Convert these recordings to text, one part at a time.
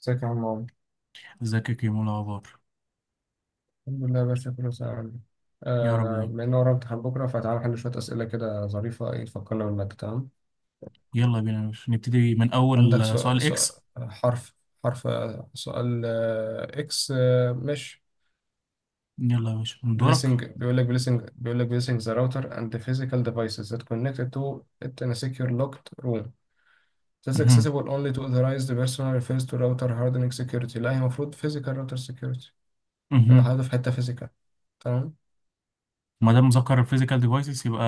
ازيك يا عم عمرو؟ ازيك يا كيمو؟ إيه الاخبار. الحمد لله يا باشا كله تمام. يا رب دايما. بما ان ورانا امتحان بكره، فتعالى نحل شويه اسئله كده ظريفه ايه تفكرنا بالماده. تمام، يلا بينا يا باشا نبتدي من اول عندك سؤال سؤال، اكس. حرف، حرف، سؤال اكس مش يلا يا باشا من دورك. بليسنج. بيقول لك بليسنج ذا راوتر اند physical devices that connect to it in a secure locked room. This مهم. accessible only to authorized person refers to router hardening security. لا، هي المفروض physical router security. انا مهم. حاطط في حته physical. تمام. ما دام ذكر فيزيكال ديفايسز يبقى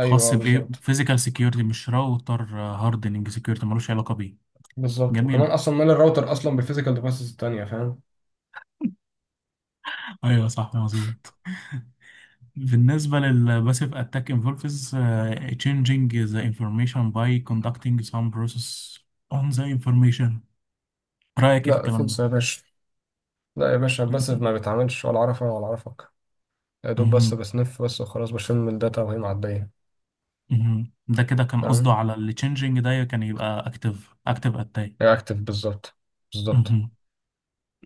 خاص بايه، بالظبط. فيزيكال سكيورتي، مش راوتر هاردنج سكيورتي، ملوش علاقه بيه. بالظبط، وكمان جميل. اصلا مال الراوتر اصلا بالفيزيكال ديفايسز التانية؟ فاهم. ايوه صح مظبوط. بالنسبه للباسيف اتاك انفولفز changing the information by conducting some process on the information، رايك إيه في لا، خلص الكلام يا باشا. لا يا باشا، ده؟ بس ما بيتعاملش ولا عرفه ولا عرفك. يا دوب بس بسنف بس وخلاص، بشم من الداتا وهي معدية. مهم. ده كده كان قصده تمام، على اللي changing ده كان يبقى active active attack. هي اكتف بالظبط، بالظبط. مهم.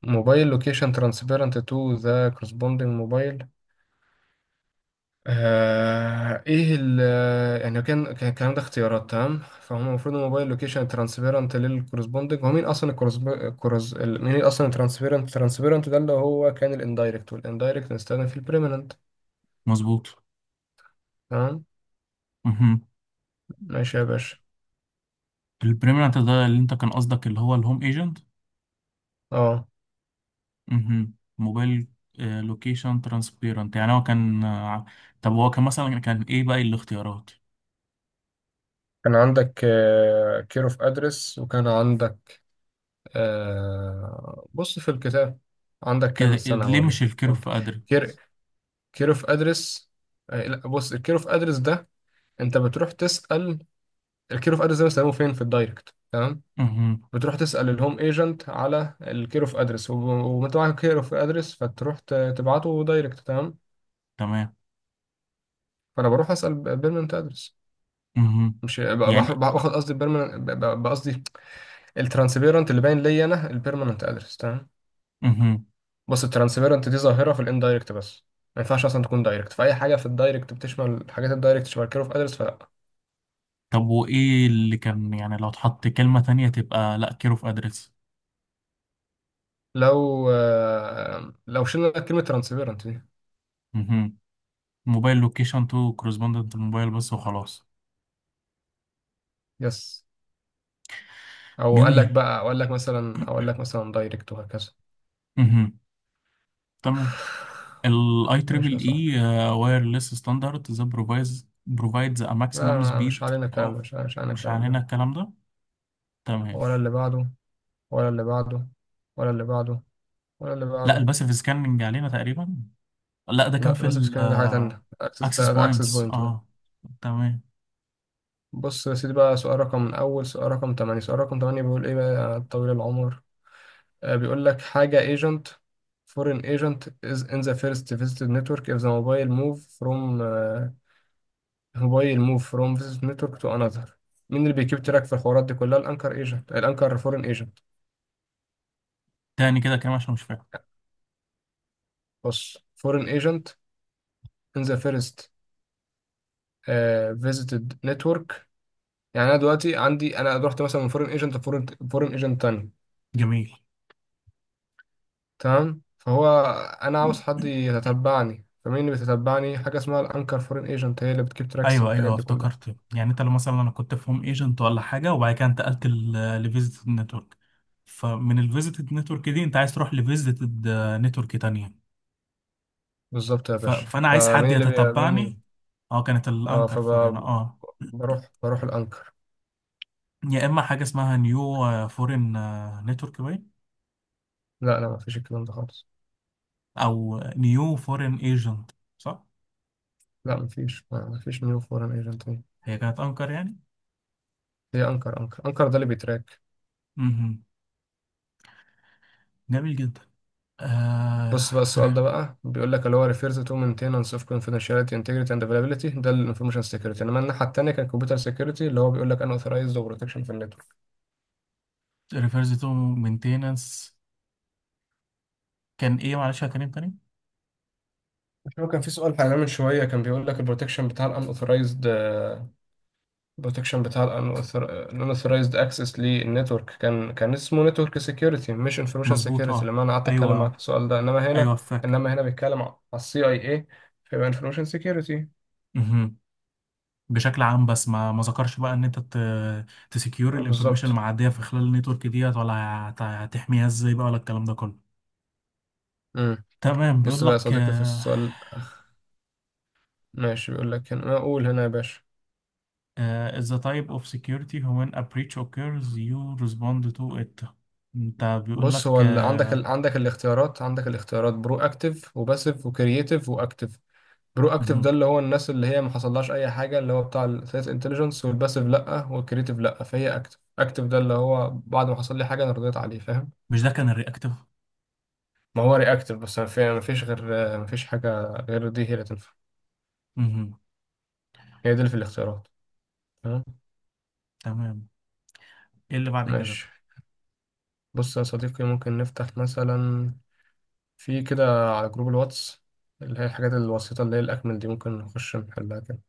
موبايل لوكيشن ترانسبيرنت تو ذا كورسبوندينج موبايل. ايه ال؟ يعني كان الكلام ده اختيارات. تمام فهم، المفروض الموبايل لوكيشن ترانسبيرنت للكورسبوندنج، هو مين اصلا الكورس، مين اصلا الترانسبيرنت؟ ترانسبيرنت ده اللي هو كان الاندايركت، والاندايركت نستخدم في البريمننت. مظبوط. تمام. مهم. ماشي يا باشا. البريمننت ده اللي انت كان قصدك اللي هو الهوم ايجنت. اه، مهم. موبايل لوكيشن ترانسبيرنت، يعني هو كان طب هو كان مثلا كان ايه بقى الاختيارات؟ كان عندك كير اوف ادرس، وكان عندك، بص في الكتاب، عندك كان كده استنى ليه مش هوريك كان، الكيرف ادري؟ كير كير اوف ادرس. لا بص، الكير اوف ادرس ده، انت بتروح تسأل، الكير اوف ادرس ده بيستخدموه فين؟ في الدايركت. تمام، مهم. بتروح تسأل الهوم ايجنت على الكير اوف ادرس، وانت معاك كير اوف ادرس فتروح تبعته دايركت. تمام، تمام. فانا بروح اسأل بيرمننت ادرس، مهم. مش يعني. باخد قصدي البيرمننت، قصدي الترانسبيرنت اللي باين ليا انا البيرمننت ادرس. تمام، مهم. بص الترانسبيرنت دي ظاهرة في الاندايركت بس، ما ينفعش اصلا تكون دايركت، فاي حاجة في الدايركت بتشمل حاجات الدايركت شبه الكير اوف ادرس، فلا. طب وايه اللي كان، يعني لو اتحط كلمة تانية تبقى لا كيرف ادرس؟ لو لو شلنا كلمة ترانسبيرنت دي، موبايل لوكيشن تو كورسبوندنت الموبايل بس وخلاص. يس. او قال لك جميل. بقى، اقول لك مثلا، اقول لك مثلا دايركت وهكذا. مهم. تمام. الاي ماشي يا تريبل صاحبي. اي وايرلس ستاندرد ذا بروفايز بروفايدز ا لا ماكسيمم مش سبيد علينا الكلام اوف. ده، مش علينا مش الكلام ده. علينا الكلام ده. تمام. ولا اللي بعده، ولا اللي بعده، ولا اللي بعده، ولا اللي لا بعده. الباسيف سكاننج علينا تقريبا، لا ده كان لا في بس ال سكان ده حاجة تانية، اكسس اكسس ده اكسس بوينتس. اه access points. بوينت ده. آه. تمام. بص يا سيدي بقى، سؤال رقم من اول، سؤال رقم 8، سؤال رقم 8 بيقول ايه بقى يا طويل العمر؟ بيقول لك حاجة ايجنت foreign agent is in the first visited network if the mobile move from موبايل موف فروم فيس نتورك تو انذر. مين اللي بيكيب تراك في الحوارات دي كلها؟ الانكر ايجنت، الانكر فورين ايجنت. تاني كده كلام عشان مش فاهم. بص، فورين ايجنت ان ذا فيرست فيزيتد نتورك، يعني انا دلوقتي عندي انا رحت مثلا من فورين ايجنت لفورين، فورين ايجنت تاني. جميل. تمام، فهو انا عاوز حد يتتبعني، فمين اللي بيتتبعني؟ حاجه اسمها الانكر فورين ايجنت، هي اللي بتكيب تراكس ايوه والحاجات ايوه دي كلها. افتكرت، يعني انت لو مثلا انا كنت في هوم ايجنت ولا حاجه، وبعد كده انتقلت لفيزيتد نتورك، فمن الفيزيتد نتورك دي انت عايز تروح لفيزيتد نتورك تانية. بالظبط يا ف... باشا، فانا عايز حد فمين اللي بي... يتتبعني. مين؟ اه كانت اه، الانكر فورين فبروح اه، بروح بروح الانكر. يا اما حاجه اسمها نيو فورين نتورك باين، لا لا، مفيش الكلام ده خالص. او نيو فورين ايجنت، صح؟ لا، مفيش نيو فورين ايجنت. هي كانت انكر يعني. هي انكر، انكر ده اللي بيتراك. امم. جميل جدا. آه... بص بقى، السؤال ده بقى بيقول لك اللي هو refers to maintenance of confidentiality integrity and availability، ده ال information security، انما الناحيه التانيه كان computer security اللي هو بيقول لك unauthorized و protection في النتورك. ريفرز تو مينتيننس. كان ايه معلش يا كريم تاني؟ مش هو كان في سؤال حاليا من شويه كان بيقول لك البروتكشن بتاع ال unauthorized، البروتكشن بتاع الانثورايزد اكسس للنتورك، كان اسمه نتورك سيكيورتي مش انفورميشن مظبوط سيكيورتي اه. لما انا قعدت اتكلم معاك ايوه. في السؤال ده. انما هنا، ايوه فاك. انما هنا بيتكلم على السي اي اي، فيبقى انفورميشن سيكيورتي. مهم. بشكل عام، بس ما ذكرش بقى ان انت تسكيور اه الانفورميشن بالظبط. اللي معديه في خلال النيتورك ديت، ولا هت- هتحميها ازاي بقى، ولا الكلام ده كله. امم، تمام. بص بيقول بقى يا لك صديقي في السؤال. ماشي، بيقول لك هنا، اقول هنا يا باشا، آه، is the type of security when a breach occurs you respond to it. انت بيقول بص لك هو عندك ال... عندك الاختيارات، عندك الاختيارات برو اكتيف وباسيف وكرييتيف واكتيف. برو اكتيف ده مهم. اللي هو الناس اللي هي ما حصلهاش اي حاجه، اللي هو بتاع الثلاث انتليجنس، والباسيف لا، والكريتيف لا، فهي اكتيف. اكتيف ده اللي هو بعد ما حصل لي حاجه انا رضيت عليه، فاهم. مش ده كان الرياكتيف؟ ما هو رياكتيف، بس ما فيش غير، ما فيش حاجه غير دي هي اللي تنفع، مهم. هي دي اللي في الاختيارات. تمام. تمام. ايه اللي بعد كده؟ ماشي، بص يا صديقي، ممكن نفتح مثلا في كده على جروب الواتس اللي هي الحاجات البسيطه، اللي هي الاكمل دي ممكن نخش نحلها كده.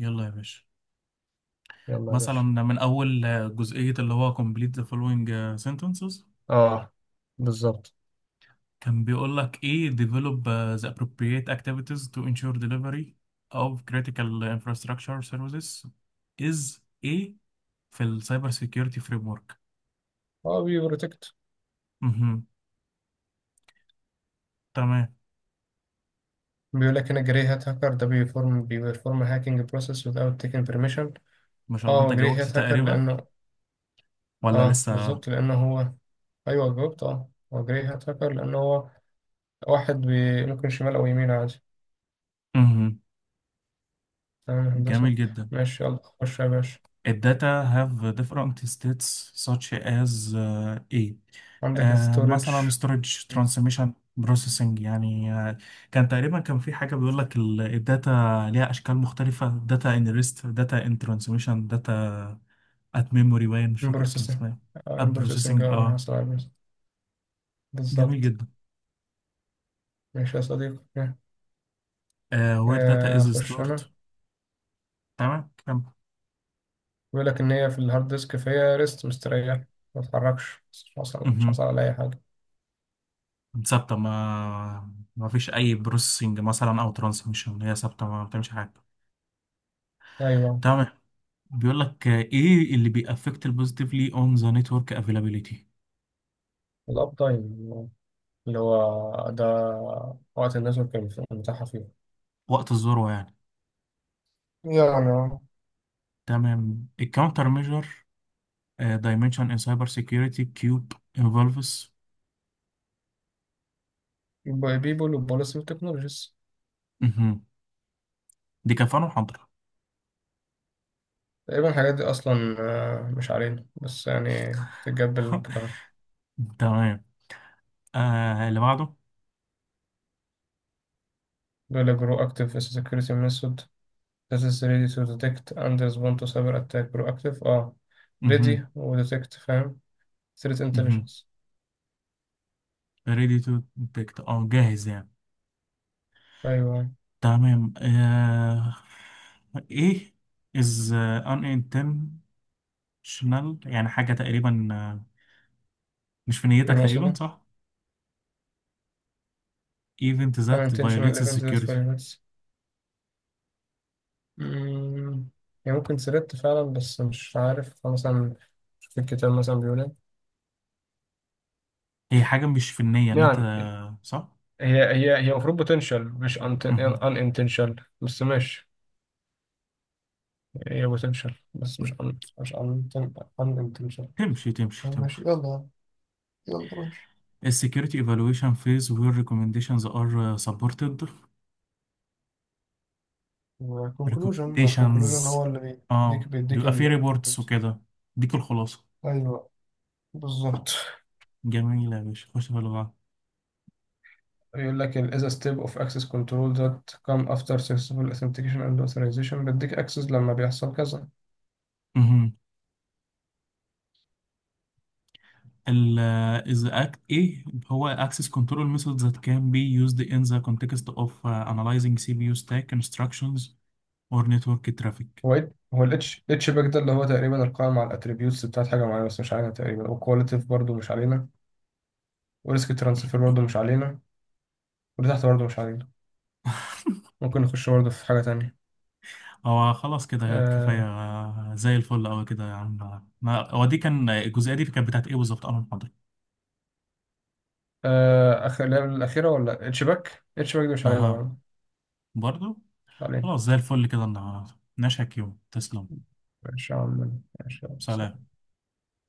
يلا يا باشا. يلا يا مثلا باشا. من اول جزئيه اللي هو complete the following آه، sentences. اه بالظبط. كان بيقول لك ايه، develop the appropriate activities to ensure delivery of critical infrastructure services is ايه في السايبر سيكيورتي فريم ورك. اه بي بروتكت. تمام. بيقول لك هنا جري هات هاكر ده بيفورم هاكينج بروسيس without taking permission. ما شاء الله، اه انت هو جري جاوبت هات هاكر تقريبا لانه، ولا اه لسه؟ بالظبط لانه هو، ايوه جاوبت، اه هو جري هات هاكر لانه هو واحد بي... ممكن شمال او يمين عادي. مهم. تمام يا جميل هندسه. جدا. ماشي يلا خش يا باشا. الداتا have different states such as A، عندك ستورج. مثلا storage، transmission، processing، يعني كان تقريبا كان في حاجة بيقول لك الداتا ليها أشكال مختلفة، data in rest، data in transmission، data at memory. باين مش فاكر كان بروسيسنج، اسمها إيه. at بروسيسنج، processing اه اه. بنحصل على processing. جميل بالظبط. جدا. ماشي يا صديقي. Where data is اخش stored. انا. تمام كمل. بيقول لك ان هي في الهارد ديسك فيها ريست مستريح، ما تتحركش، مش حصل مش مهم. حصل على اي حاجه. ثابتة، ما فيش أي بروسيسنج مثلا أو ترانسميشن. هي ثابتة ما بتعملش حاجة. ايوه، تمام. بيقول لك ايه اللي بيأفكت البوزيتيفلي اون ذا نتورك افيلابيليتي؟ الأب تايم اللي هو ده، وقت الناس كان متاحة فيه، وقت الذروه يعني. يعني. اه، تمام. الكاونتر ميجر دايمنشن ان سايبر سيكيورتي كيوب انفولفس. بيبول وبوليسي وتكنولوجيز. دي كفانه محاضره. تقريبا الحاجات دي أصلا مش علينا، بس يعني تتقبل كده. تمام. آه اللي بعده. دول جرو أكتيف as a security method that is ready to detect and respond to cyber attack. جرو أكتيف اه، ready مهم. و detect، فاهم، threat مهم. intelligence. ready to detect، اه جاهز يعني. أيوه، تمام. آه ايه is unintentional. يعني حاجة تقريبا مش في غير نيتك تقريبا، مقصودة. صح؟ event that unintentional violates the event that security. violates. مم، يعني ممكن سردت فعلا، بس مش عارف مثلا في الكتاب مثلا بيقول ايه، هي حاجة مش فنية ان انت، يعني. صح؟ هي المفروض بوتنشال مش ان مهم. انتنشال، بس ماشي. هي بوتنشال بس مش ان انتنشال. تمشي تمشي ماشي تمشي. يلا، يلا ماشي. السكيورتي ايفالويشن فيز وير ريكومنديشنز ار سبورتد. والكونكلوجن، الكونكلوجن ريكومنديشنز، هو اللي بيديك اه بيديك بيبقى فيه ال، ريبورتس وكده. ديك الخلاصة. ايوه بالظبط. جميلة يا باشا، خش في اللي بعده. يقول لك ال is a step of access control that come after successful authentication and authorization، بديك access لما بيحصل كذا. مهم. ال is the act. ايه هو access control methods that can be used in the context of analyzing CPU stack instructions or network traffic؟ هو هو الاتش اتش باك ده اللي هو تقريبا القائم على الاتريبيوتس بتاعت حاجه معينه، بس مش علينا تقريبا. وكواليتيف برضه مش علينا، وريسك ترانسفير برضه مش علينا، واللي تحت برضه مش علينا. ممكن نخش برضه في حاجه تانية. هو خلاص كده كفاية، آه. زي الفل أوي كده يا عم. ما هو دي كان الجزئية، دي كانت بتاعت إيه بالظبط؟ أنا محاضرة آه اخر اللعبه الاخيره، ولا اتش باك، اتش باك دي مش علينا أها برضه، برضو. مش علينا. خلاص زي الفل كده النهاردة، نشهك يوم، تسلم. ماشي يا عم، ماشي يا سلام. عم.